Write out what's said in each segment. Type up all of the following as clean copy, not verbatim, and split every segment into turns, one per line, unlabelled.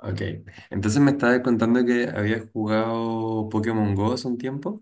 Ok. Entonces me estabas contando que habías jugado Pokémon Go hace un tiempo.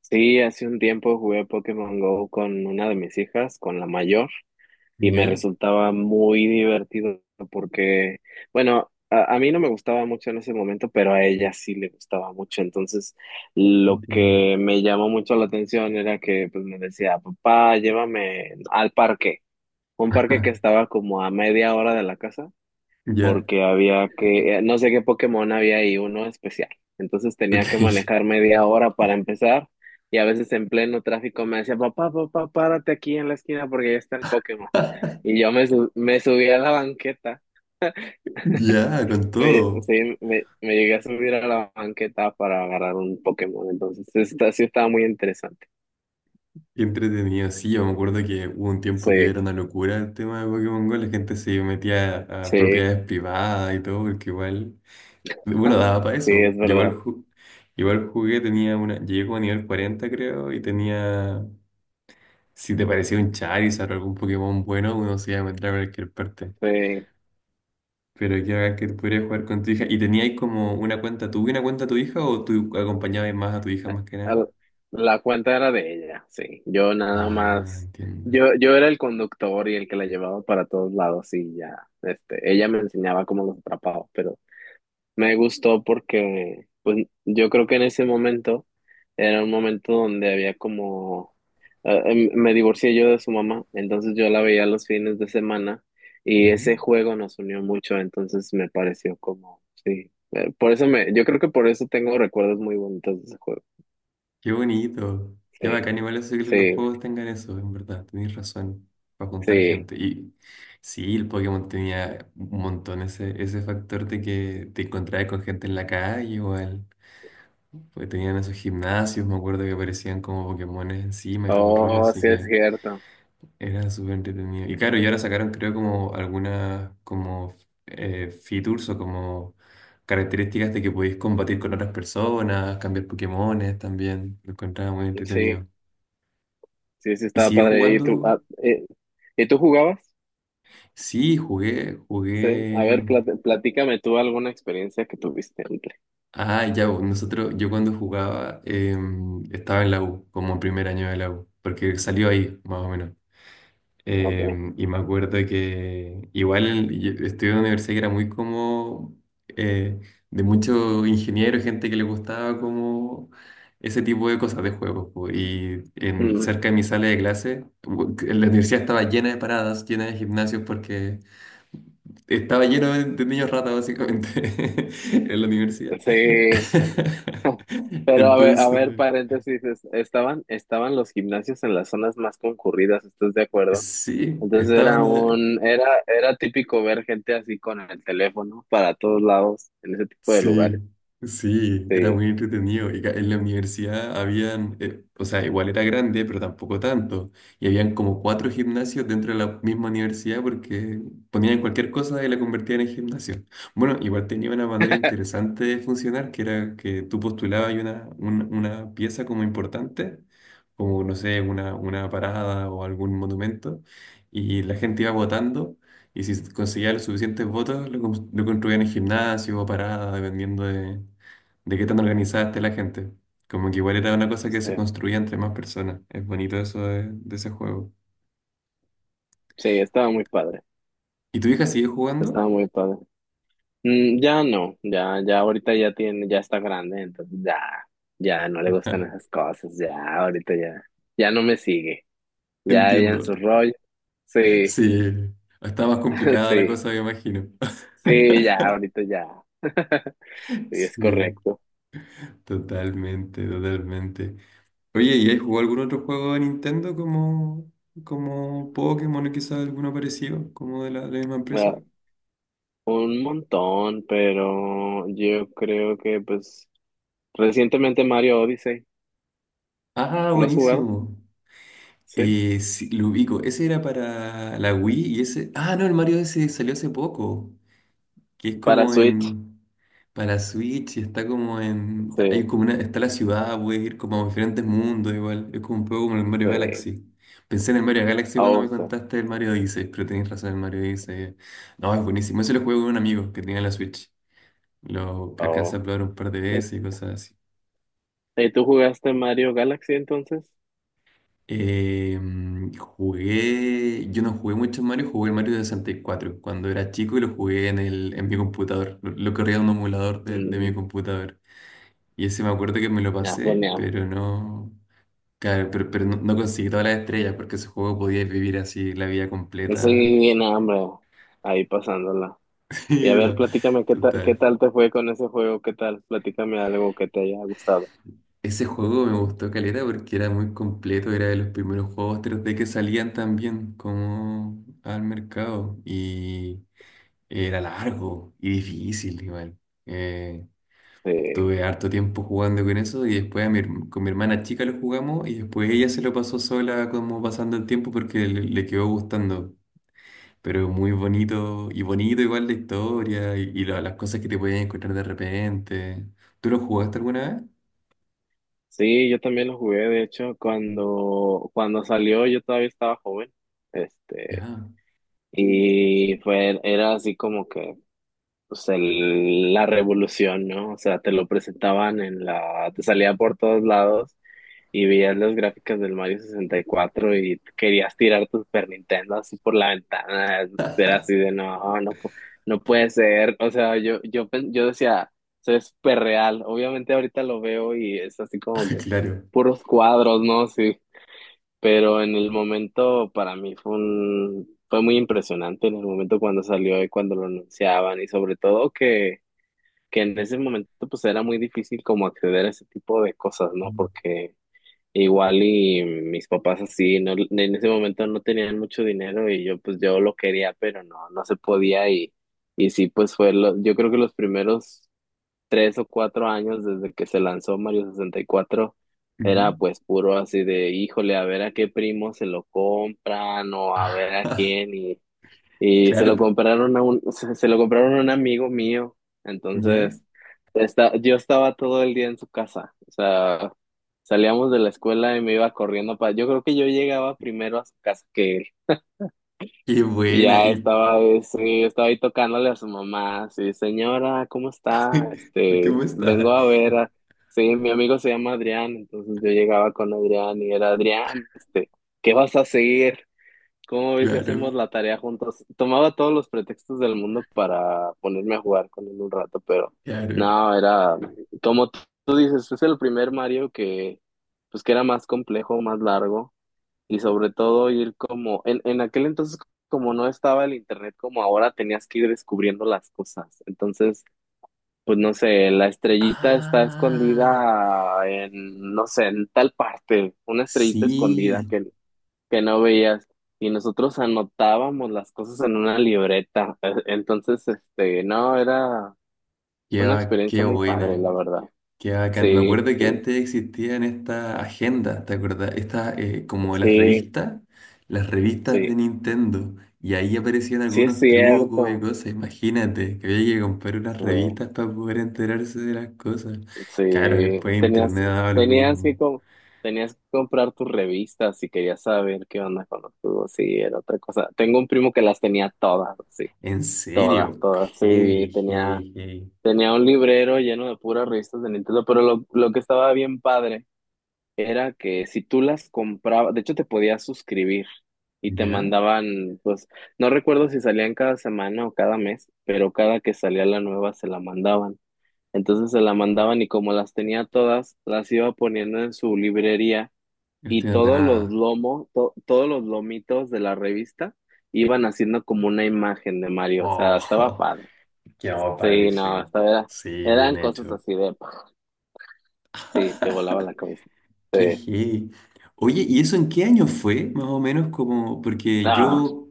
Sí, hace un tiempo jugué Pokémon Go con una de mis hijas, con la mayor, y me
Ya,
resultaba muy divertido porque, bueno, a mí no me gustaba mucho en ese momento, pero a ella sí le gustaba mucho. Entonces, lo
entiendo.
que me llamó mucho la atención era que, pues, me decía, papá, llévame al parque, un parque que estaba como a media hora de la casa
Ya,
porque había que, no sé qué Pokémon había ahí, uno especial. Entonces tenía que
ok.
manejar media hora para empezar, y a veces en pleno tráfico me decía, papá, papá, párate aquí en la esquina porque ya está el Pokémon. Y me subí a la banqueta,
Ya, con todo.
sí, me llegué a subir a la banqueta para agarrar un Pokémon. Entonces, sí estaba muy interesante.
Qué entretenido. Sí, yo me acuerdo que hubo un tiempo que
Sí,
era una locura el tema de Pokémon Go. La gente se metía a
sí,
propiedades privadas y todo, porque igual, bueno, daba para
sí,
eso.
es
Yo
verdad.
igual, igual jugué, tenía una, llegué como a nivel 40 creo, y tenía, si te parecía un Charizard o algún Pokémon bueno, uno se iba a meter a cualquier parte.
Sí.
Pero qué hagas que pudieras jugar con tu hija. ¿Y teníais como una cuenta tú y una cuenta tu hija o tú acompañabas más a tu hija más que nada?
Al- La cuenta era de ella, sí. Yo nada
Ah,
más,
entiendo.
yo era el conductor y el que la llevaba para todos lados y ya, ella me enseñaba cómo los atrapaba, pero me gustó porque, pues, yo creo que en ese momento era un momento donde había como, me divorcié yo de su mamá, entonces yo la veía los fines de semana y
Ujú.
ese juego nos unió mucho. Entonces me pareció como, sí, por eso yo creo que por eso tengo recuerdos muy bonitos de ese juego,
Qué bonito. Qué
sí.
bacán. Igual eso que los
Sí,
juegos tengan eso, en verdad. Tenéis razón. Para juntar
sí.
gente. Y sí, el Pokémon tenía un montón ese factor de que te encontrabas con gente en la calle igual. Porque tenían esos gimnasios, me acuerdo que aparecían como Pokémones encima y todo el rollo,
Oh,
así
sí es
que.
cierto.
Era súper entretenido. Y claro, y ahora sacaron creo como algunas como features o como características de que podéis combatir con otras personas, cambiar Pokémones también. Lo encontraba muy
Sí,
entretenido.
sí, sí
¿Y
estaba
sigue
padre.
jugando?
¿Y tú jugabas?
Sí, jugué,
Sí. A ver,
jugué.
platícame tú alguna experiencia que tuviste antes.
Ah, ya, bo, nosotros, yo cuando jugaba estaba en la U, como en primer año de la U, porque salió ahí, más o menos.
Okay.
Y me acuerdo que igual yo estuve en una universidad que era muy como eh, de muchos ingenieros, gente que le gustaba como ese tipo de cosas de juegos. Po. Y
Mm,
cerca de mi sala de clase, que la universidad estaba llena de paradas, llena de gimnasios, porque estaba lleno de niños ratas básicamente en la universidad.
sí. Pero a
Entonces,
ver, paréntesis, estaban los gimnasios en las zonas más concurridas, ¿estás de acuerdo?
sí,
Entonces
estaban
era un, era, era típico ver gente así con el teléfono para todos lados en ese tipo de lugares.
Sí, sí, era
Sí,
muy entretenido. Y en la universidad habían, o sea, igual era grande, pero tampoco tanto. Y habían como cuatro gimnasios dentro de la misma universidad porque ponían cualquier cosa y la convertían en gimnasio. Bueno, igual tenía una manera interesante de funcionar, que era que tú postulabas y una pieza como importante, como, no sé, una parada o algún monumento, y la gente iba votando. Y si conseguía los suficientes votos, lo construían en gimnasio o parada, dependiendo de qué tan organizada esté la gente. Como que igual era una cosa que
sí,
se construía entre más personas. Es bonito eso de ese juego.
sí, estaba muy padre.
¿Y tu hija sigue jugando?
Estaba muy padre. Mm, ya no, ya ahorita ya tiene, ya está grande, entonces ya, ya no le gustan
Ah,
esas cosas, ya, ahorita ya, ya no me sigue, ya ella
entiendo.
en su rollo, sí,
Sí, está más complicada la
sí,
cosa, me imagino.
sí, ya, ahorita ya, sí, es
Sí,
correcto.
totalmente, totalmente. Oye, ¿y has jugado algún otro juego de Nintendo como Pokémon o quizás alguno parecido, como de la misma
Ah,
empresa?
un montón, pero yo creo que, pues, recientemente Mario Odyssey,
Ah,
¿lo has jugado?
buenísimo.
Sí,
Sí, lo ubico. Ese era para la Wii y ese. Ah, no, el Mario ese salió hace poco. Que es
para
como
Switch,
en. Para Switch y está como en. Hay
sí,
como una. Está la ciudad, puedes ir como a diferentes mundos igual. Es como un poco como el Mario
sí,
Galaxy. Pensé en el Mario Galaxy cuando
oh,
me
sí,
contaste el Mario Odyssey, pero tenés razón, el Mario Odyssey. No, es buenísimo. Ese lo jugué con un amigo que tenía la Switch. Lo alcancé
oh.
a probar un par de veces y cosas así.
¿Y tú jugaste Mario Galaxy entonces?
Yo no jugué mucho Mario, jugué el Mario de 64 cuando era chico y lo jugué en mi computador. Lo corría en un emulador de mi
Mm,
computador. Y ese me acuerdo que me lo
ya,
pasé,
genial.
pero no, claro, pero no, no conseguí todas las estrellas porque ese juego podía vivir así la vida
Eso
completa.
bien hambre, ahí pasándola. Y a
Sí,
ver,
no,
platícame qué
total.
tal te fue con ese juego, qué tal, platícame algo que te haya gustado.
Ese juego me gustó caleta porque era muy completo, era de los primeros juegos 3D que salían también como al mercado y era largo y difícil igual. Eh,
Sí,
Tuve harto tiempo jugando con eso y después con mi hermana chica lo jugamos y después ella se lo pasó sola como pasando el tiempo porque le quedó gustando. Pero muy bonito y bonito igual la historia y las cosas que te podías encontrar de repente. ¿Tú lo jugaste alguna vez?
sí, yo también lo jugué, de hecho, cuando salió yo todavía estaba joven, este,
Ya.
y era así como que, pues, la revolución, ¿no? O sea, te lo presentaban en te salía por todos lados y veías las gráficas del Mario 64 y cuatro, y querías tirar tu Super Nintendo así por la ventana. Era así de no, no, no puede ser. O sea, yo decía, eso es súper real. Obviamente ahorita lo veo y es así como que
Claro.
puros cuadros, ¿no? Sí, pero en el momento para mí fue un, fue muy impresionante en el momento cuando salió y cuando lo anunciaban, y sobre todo que en ese momento pues era muy difícil como acceder a ese tipo de cosas, ¿no?
Mm.
Porque igual y mis papás así, no, en ese momento no tenían mucho dinero y yo, pues, yo lo quería, pero no, no se podía. Y sí, pues fue, yo creo que los primeros 3 o 4 años desde que se lanzó Mario 64 era
Ujú.
pues puro así de, híjole, a ver a qué primo se lo compran, o a ver a quién, y se
Claro.
lo
po.
compraron a un, se lo compraron a un amigo mío.
¿Ya?
Entonces, yo estaba todo el día en su casa. O sea, salíamos de la escuela y me iba corriendo para. Yo creo que yo llegaba primero a su casa que él.
Qué
Y
buena.
ya
¿Y
estaba, sí, estaba ahí tocándole a su mamá. Sí, señora, ¿cómo está? Este,
cómo
vengo
está?
a ver a- Sí, mi amigo se llama Adrián. Entonces yo llegaba con Adrián y era Adrián, este, ¿qué vas a seguir? ¿Cómo ves si hacemos
Claro,
la tarea juntos? Tomaba todos los pretextos del mundo para ponerme a jugar con él un rato, pero
claro.
no, era como tú dices, es el primer Mario que, pues, que era más complejo, más largo, y sobre todo, ir como en aquel entonces, como no estaba el internet como ahora, tenías que ir descubriendo las cosas. Entonces, pues, no sé, la estrellita está
Ah,
escondida en, no sé, en tal parte, una estrellita escondida
sí,
que no veías, y nosotros anotábamos las cosas en una libreta. Entonces, no, era
qué,
una
ba- qué
experiencia muy padre, la
buena,
verdad.
qué bacán. Me
Sí,
acuerdo que
sí,
antes existían estas agendas, ¿te acuerdas? Estas, como las
sí,
revistas, las revistas de
sí,
Nintendo. Y ahí aparecían
sí es
algunos trucos y
cierto.
cosas. Imagínate, que había que comprar unas
Sí,
revistas para poder enterarse de las cosas. Claro,
sí,
después Internet daba lo
tenías que
mismo.
com- tenías que comprar tus revistas si querías saber qué onda con los tubos. Sí, era otra cosa. Tengo un primo que las tenía todas, sí,
En
todas,
serio,
todas, sí,
heavy,
tenía
heavy, heavy.
Tenía un librero lleno de puras revistas de Nintendo, pero lo que estaba bien padre era que si tú las comprabas, de hecho te podías suscribir y te
¿Ya?
mandaban, pues, no recuerdo si salían cada semana o cada mes, pero cada que salía la nueva se la mandaban. Entonces se la mandaban, y como las tenía todas, las iba poniendo en su librería,
No
y
estoy
todos los
ordenada.
lomos, todos los lomitos de la revista iban haciendo como una imagen de Mario. O sea, estaba
Oh.
padre.
Qué oh,
Sí, no, o
padrísimo.
sea,
Sí, bien
eran cosas
hecho.
así de, sí, te volaba la cabeza. Sí.
Qué heavy. Oye, ¿y eso en qué año fue? Más o menos como, porque
Ah,
yo,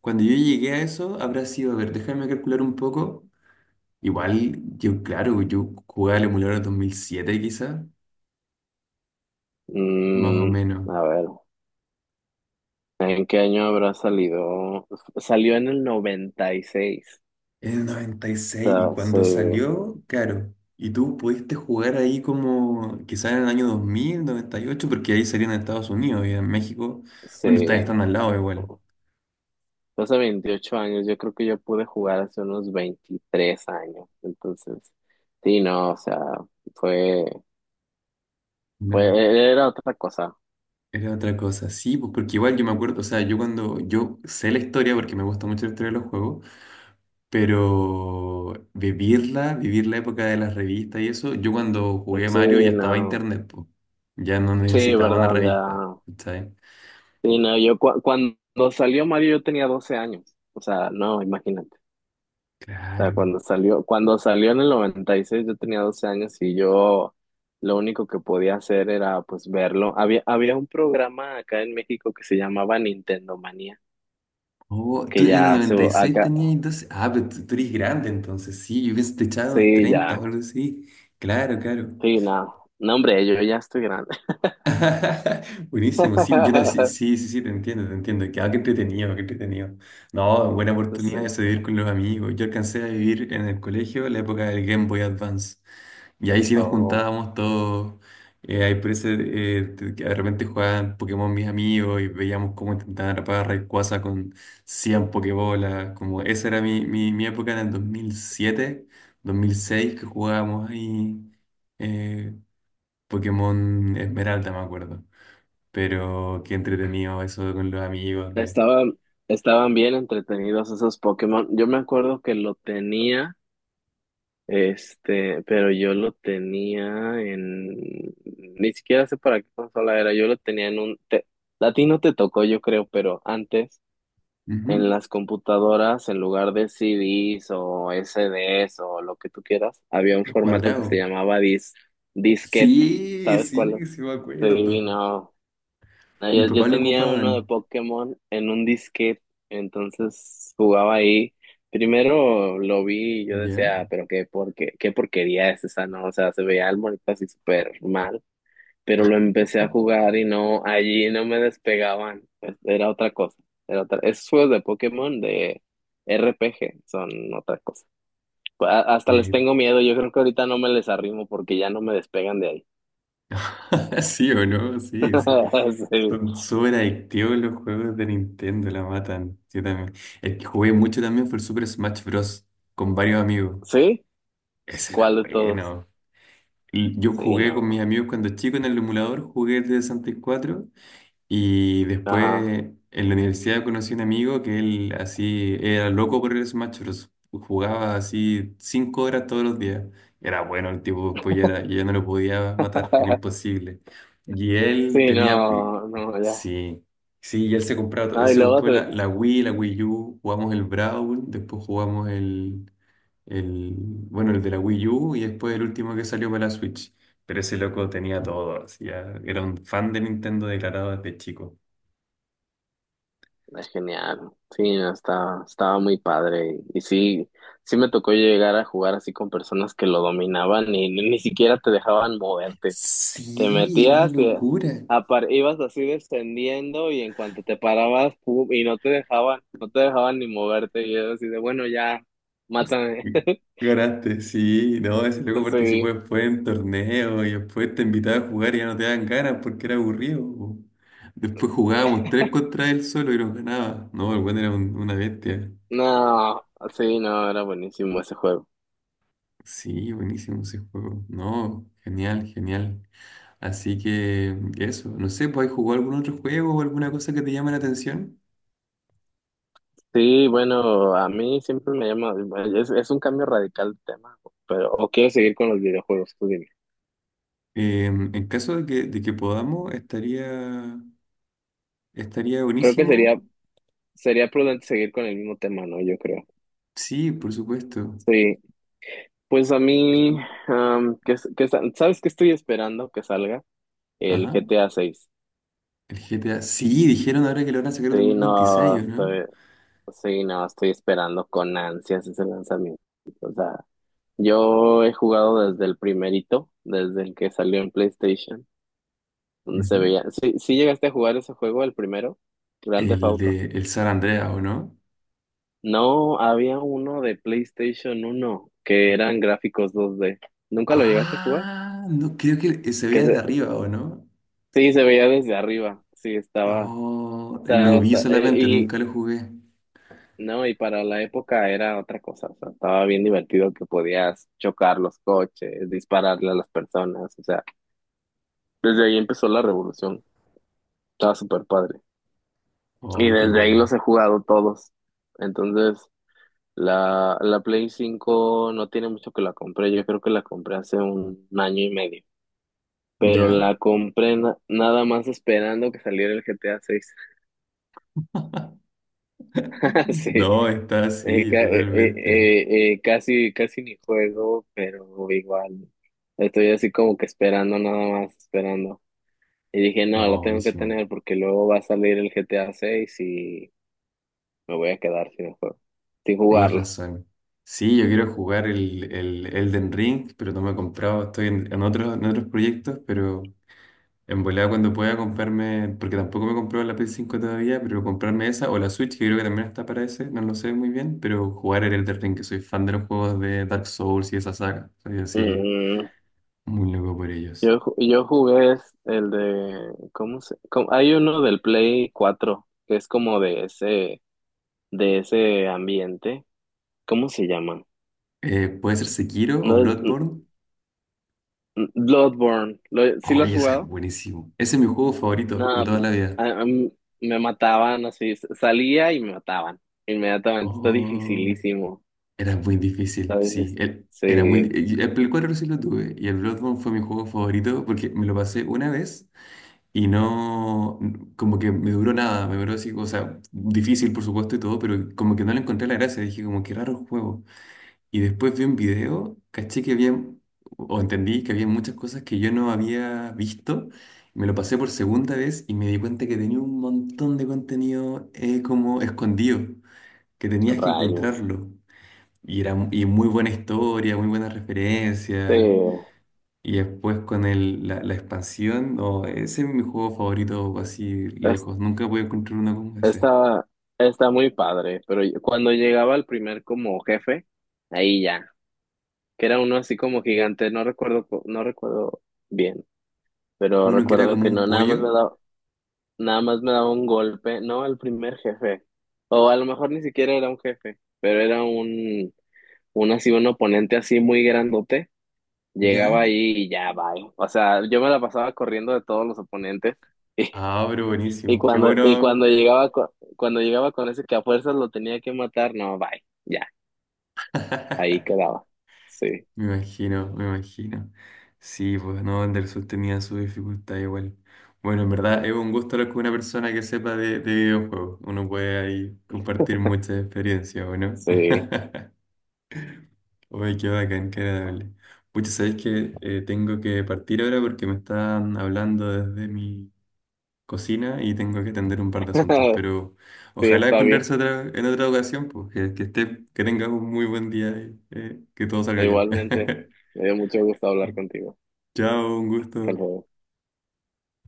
cuando yo llegué a eso, habrá sido, a ver, déjame calcular un poco. Igual, yo, claro, yo jugué al emulador en 2007 quizá, más o
mm,
menos.
a ver, ¿en qué año habrá salido? Salió en el noventa y seis.
Es del 96 y seis y
O sea,
cuando salió, claro. Y tú pudiste jugar ahí como quizás en el año dos mil noventa y ocho porque ahí salían en Estados Unidos y en México. Bueno, ustedes
se,
están al lado igual.
hace 28 años, yo creo que yo pude jugar hace unos 23 años. Entonces, sí, no, o sea, fue, era otra cosa.
Era otra cosa, sí, pues porque igual yo me acuerdo, o sea, yo sé la historia porque me gusta mucho la historia de los juegos, pero vivirla, vivir la época de las revistas y eso, yo cuando jugué Mario ya
Sí,
estaba
no,
internet, pues, ya no
sí,
necesitaba una
verdad,
revista,
ya.
¿sabes?
Sí, no, yo cuando salió Mario yo tenía 12 años. O sea, no, imagínate. O sea,
Claro.
cuando salió, en el 96 yo tenía 12 años, y yo lo único que podía hacer era pues verlo. Había, había un programa acá en México que se llamaba Nintendo Manía,
Oh, tú
que
en el
ya se,
96
acá,
tenías 12, ah, pero tú, eres grande entonces, sí, yo pensé que te echaba unos
sí,
30
ya,
o algo así, claro, claro.
sí, no, no, hombre, yo ya estoy grande.
Buenísimo, sí, sí, sí, sí, sí, te entiendo, te entiendo. Que, ah, qué entretenido, qué entretenido. No, buena
Sí,
oportunidad de salir con los amigos. Yo alcancé a vivir en el colegio la época del Game Boy Advance. Y ahí sí nos
oh,
juntábamos todos. Ahí por ese, que de repente jugaban Pokémon mis amigos y veíamos cómo intentaban atrapar a Rayquaza con 100 Pokébolas. Como esa era mi época en el 2007, 2006, que jugábamos ahí eh, Pokémon Esmeralda, me acuerdo. Pero qué entretenido eso con los amigos de.
estaban, estaban bien entretenidos esos Pokémon. Yo me acuerdo que lo tenía. Este, pero yo lo tenía en, ni siquiera sé para qué consola era. Yo lo tenía en a ti no te tocó, yo creo, pero antes en
Ujú.
las computadoras, en lugar de CDs o SDs o lo que tú quieras, había un
Los
formato que se
cuadrados.
llamaba disquete,
Sí,
¿sabes cuál es?
sí, sí me
Se
acuerdo.
No,
Mis
yo
papás lo
tenía uno de
ocupaban.
Pokémon en un disquete, entonces jugaba ahí. Primero lo vi y yo
¿Ya?
decía, "Ah, pero qué, qué porquería es esa, ¿no?" O sea, se veía el monito así súper mal, pero lo empecé a jugar y no, allí no me despegaban. Era otra cosa. Era otra. Esos juegos de Pokémon de RPG son otra cosa. Hasta les
Eh,
tengo miedo. Yo creo que ahorita no me les arrimo porque ya no me despegan de ahí.
¿Sí o no? Sí, sí.
Sí.
Son súper adictivos los juegos de Nintendo, la matan. Yo también. El que jugué mucho también fue el Super Smash Bros. Con varios amigos.
¿Sí?
Ese era
¿Cuál de todos?
bueno. Y yo
Sí,
jugué con mis
no.
amigos cuando chico en el emulador, jugué el de 64. Y después
Ajá.
en la universidad conocí a un amigo que él así era loco por el Smash Bros. Jugaba así 5 horas todos los días. Era bueno el tipo, después ya, ya no lo podía matar, era imposible. Y él
Sí,
tenía.
no, no, ya.
Sí, sí, y él él
No, y
se
luego
compró la Wii, la Wii U, jugamos el Brawl, después jugamos el, de la Wii U y después el último que salió para la Switch. Pero ese loco tenía todo, así, ya era un fan de Nintendo declarado desde chico.
es genial. Sí, no, estaba muy padre. Y sí, sí me tocó llegar a jugar así con personas que lo dominaban y ni, ni siquiera te dejaban moverte. Te
Sí, es una
metías y
locura.
ibas así descendiendo, y en cuanto te parabas, pum, y no te dejaban, no te dejaban ni moverte. Y yo así de, bueno, ya, mátame.
Ganaste, sí, no, ese loco participó
Sí.
después en torneos y después te invitaba a jugar y ya no te daban ganas porque era aburrido. Po. Después jugábamos tres contra él solo y nos ganaba. No, el buen era una bestia.
No, sí, no, era buenísimo ese juego.
Sí, buenísimo ese juego. No, genial, genial. Así que eso, no sé, pues ¿jugó algún otro juego o alguna cosa que te llame la atención?
Sí, bueno, a mí siempre me llama, bueno, es un cambio radical de tema, pero o quiero seguir con los videojuegos, tú dime.
En caso de que, podamos, estaría
Creo que sería,
buenísimo.
sería prudente seguir con el mismo tema, ¿no? Yo creo.
Sí, por supuesto.
Sí, pues a
Es-
mí, am, que, que, ¿sabes qué estoy esperando que salga? El
Ajá.
GTA 6.
El GTA. Sí, dijeron ahora que lo van a sacar en
Sí,
2026,
no,
¿o no?
estoy, sí, no, estoy esperando con ansias ese lanzamiento. O sea, yo he jugado desde el primerito, desde el que salió en PlayStation, donde se
Ujú.
veía. Sí, sí llegaste a jugar ese juego, el primero, Grand Theft
El
Auto.
de el San Andreas, ¿o no?
No, había uno de PlayStation uno que eran gráficos dos d. ¿Nunca lo llegaste a jugar?
Ah, no, creo que se
Que
veía desde
se,
arriba, ¿o no?
sí, se veía desde arriba. Sí, estaba. O
No,
sea,
lo vi solamente,
y
nunca lo jugué.
no, y para la época era otra cosa. O sea, estaba bien divertido que podías chocar los coches, dispararle a las personas. O sea, desde ahí empezó la revolución. Estaba súper padre. Y
Oh, qué
desde ahí los
buena.
he jugado todos. Entonces. La Play 5 no tiene mucho que la compré, yo creo que la compré hace año y medio, pero
¿Ya?
la compré nada más esperando que saliera el GTA 6. Sí,
No, está así, totalmente.
casi, casi ni juego, pero igual estoy así como que esperando, nada más esperando. Y dije, no, la
No,
tengo que
buenísimo.
tener porque luego va a salir el GTA 6 y me voy a quedar sin el juego, sin
Tienes
jugarlo.
razón. Sí, yo quiero jugar el Elden Ring, pero no me he comprado. Estoy en otros, en otros proyectos, pero en volada cuando pueda comprarme, porque tampoco me compró la PS5 todavía, pero comprarme esa o la Switch, que creo que también está para ese, no lo sé muy bien, pero jugar el Elden Ring, que soy fan de los juegos de Dark Souls y esa saga. Soy así muy loco por ellos.
Yo jugué es el de, ¿cómo se? Hay uno del Play 4 que es como de ese ambiente. ¿Cómo se llama?
Puede ser Sekiro o
No es
Bloodborne.
Bloodborne. ¿Lo- ¿sí lo has
Oye, ese es
jugado?
buenísimo. Ese es mi juego
No,
favorito de toda la vida.
a mí me mataban así, salía y me mataban inmediatamente. Está
Oh.
dificilísimo.
Era muy difícil,
Está
sí.
difícil.
El- era muy,
Sí,
di- el Play 4 sí lo tuve y el Bloodborne fue mi juego favorito porque me lo pasé una vez y no, como que me duró nada, me duró así, o sea, difícil por supuesto y todo, pero como que no le encontré la gracia, dije como qué raro juego. Y después vi un video, caché que había, o entendí que había muchas cosas que yo no había visto, me lo pasé por segunda vez y me di cuenta que tenía un montón de contenido como escondido, que tenías que
rayos.
encontrarlo. Y muy buena historia, muy buenas
Sí,
referencias. Y después con la expansión, no, ese es mi juego favorito así
es-
lejos. Nunca voy a encontrar uno como ese.
está, está muy padre, pero yo- cuando llegaba el primer como jefe, ahí ya. Que era uno así como gigante, no recuerdo, no recuerdo bien, pero
Uno que era
recuerdo
como
que
un
no,
pollo,
nada más me daba un golpe, no al primer jefe, o a lo mejor ni siquiera era un jefe, pero era un oponente así muy grandote. Llegaba
¿ya?
ahí y ya, bye. O sea, yo me la pasaba corriendo de todos los oponentes.
Ah, pero
Y
buenísimo. Qué
cuando,
bueno.
cuando llegaba con ese que a fuerzas lo tenía que matar, no, bye, ya, ahí quedaba. Sí,
Me imagino, me imagino. Sí, pues no, Anderson tenía su dificultad igual. Bueno, en verdad es un gusto hablar con una persona que sepa de videojuegos. Uno puede ahí compartir muchas experiencias, ¿o no?
sí.
Uy, qué bacán, qué agradable. Pucha, sabéis que tengo que partir ahora porque me están hablando desde mi cocina y tengo que atender un par de asuntos. Pero
Sí,
ojalá
está bien.
encontrarse otra, en otra ocasión, pues que, esté, que tengas un muy buen día y que todo salga bien.
Igualmente, me dio mucho gusto hablar contigo.
Chao, un gusto.
Hasta luego.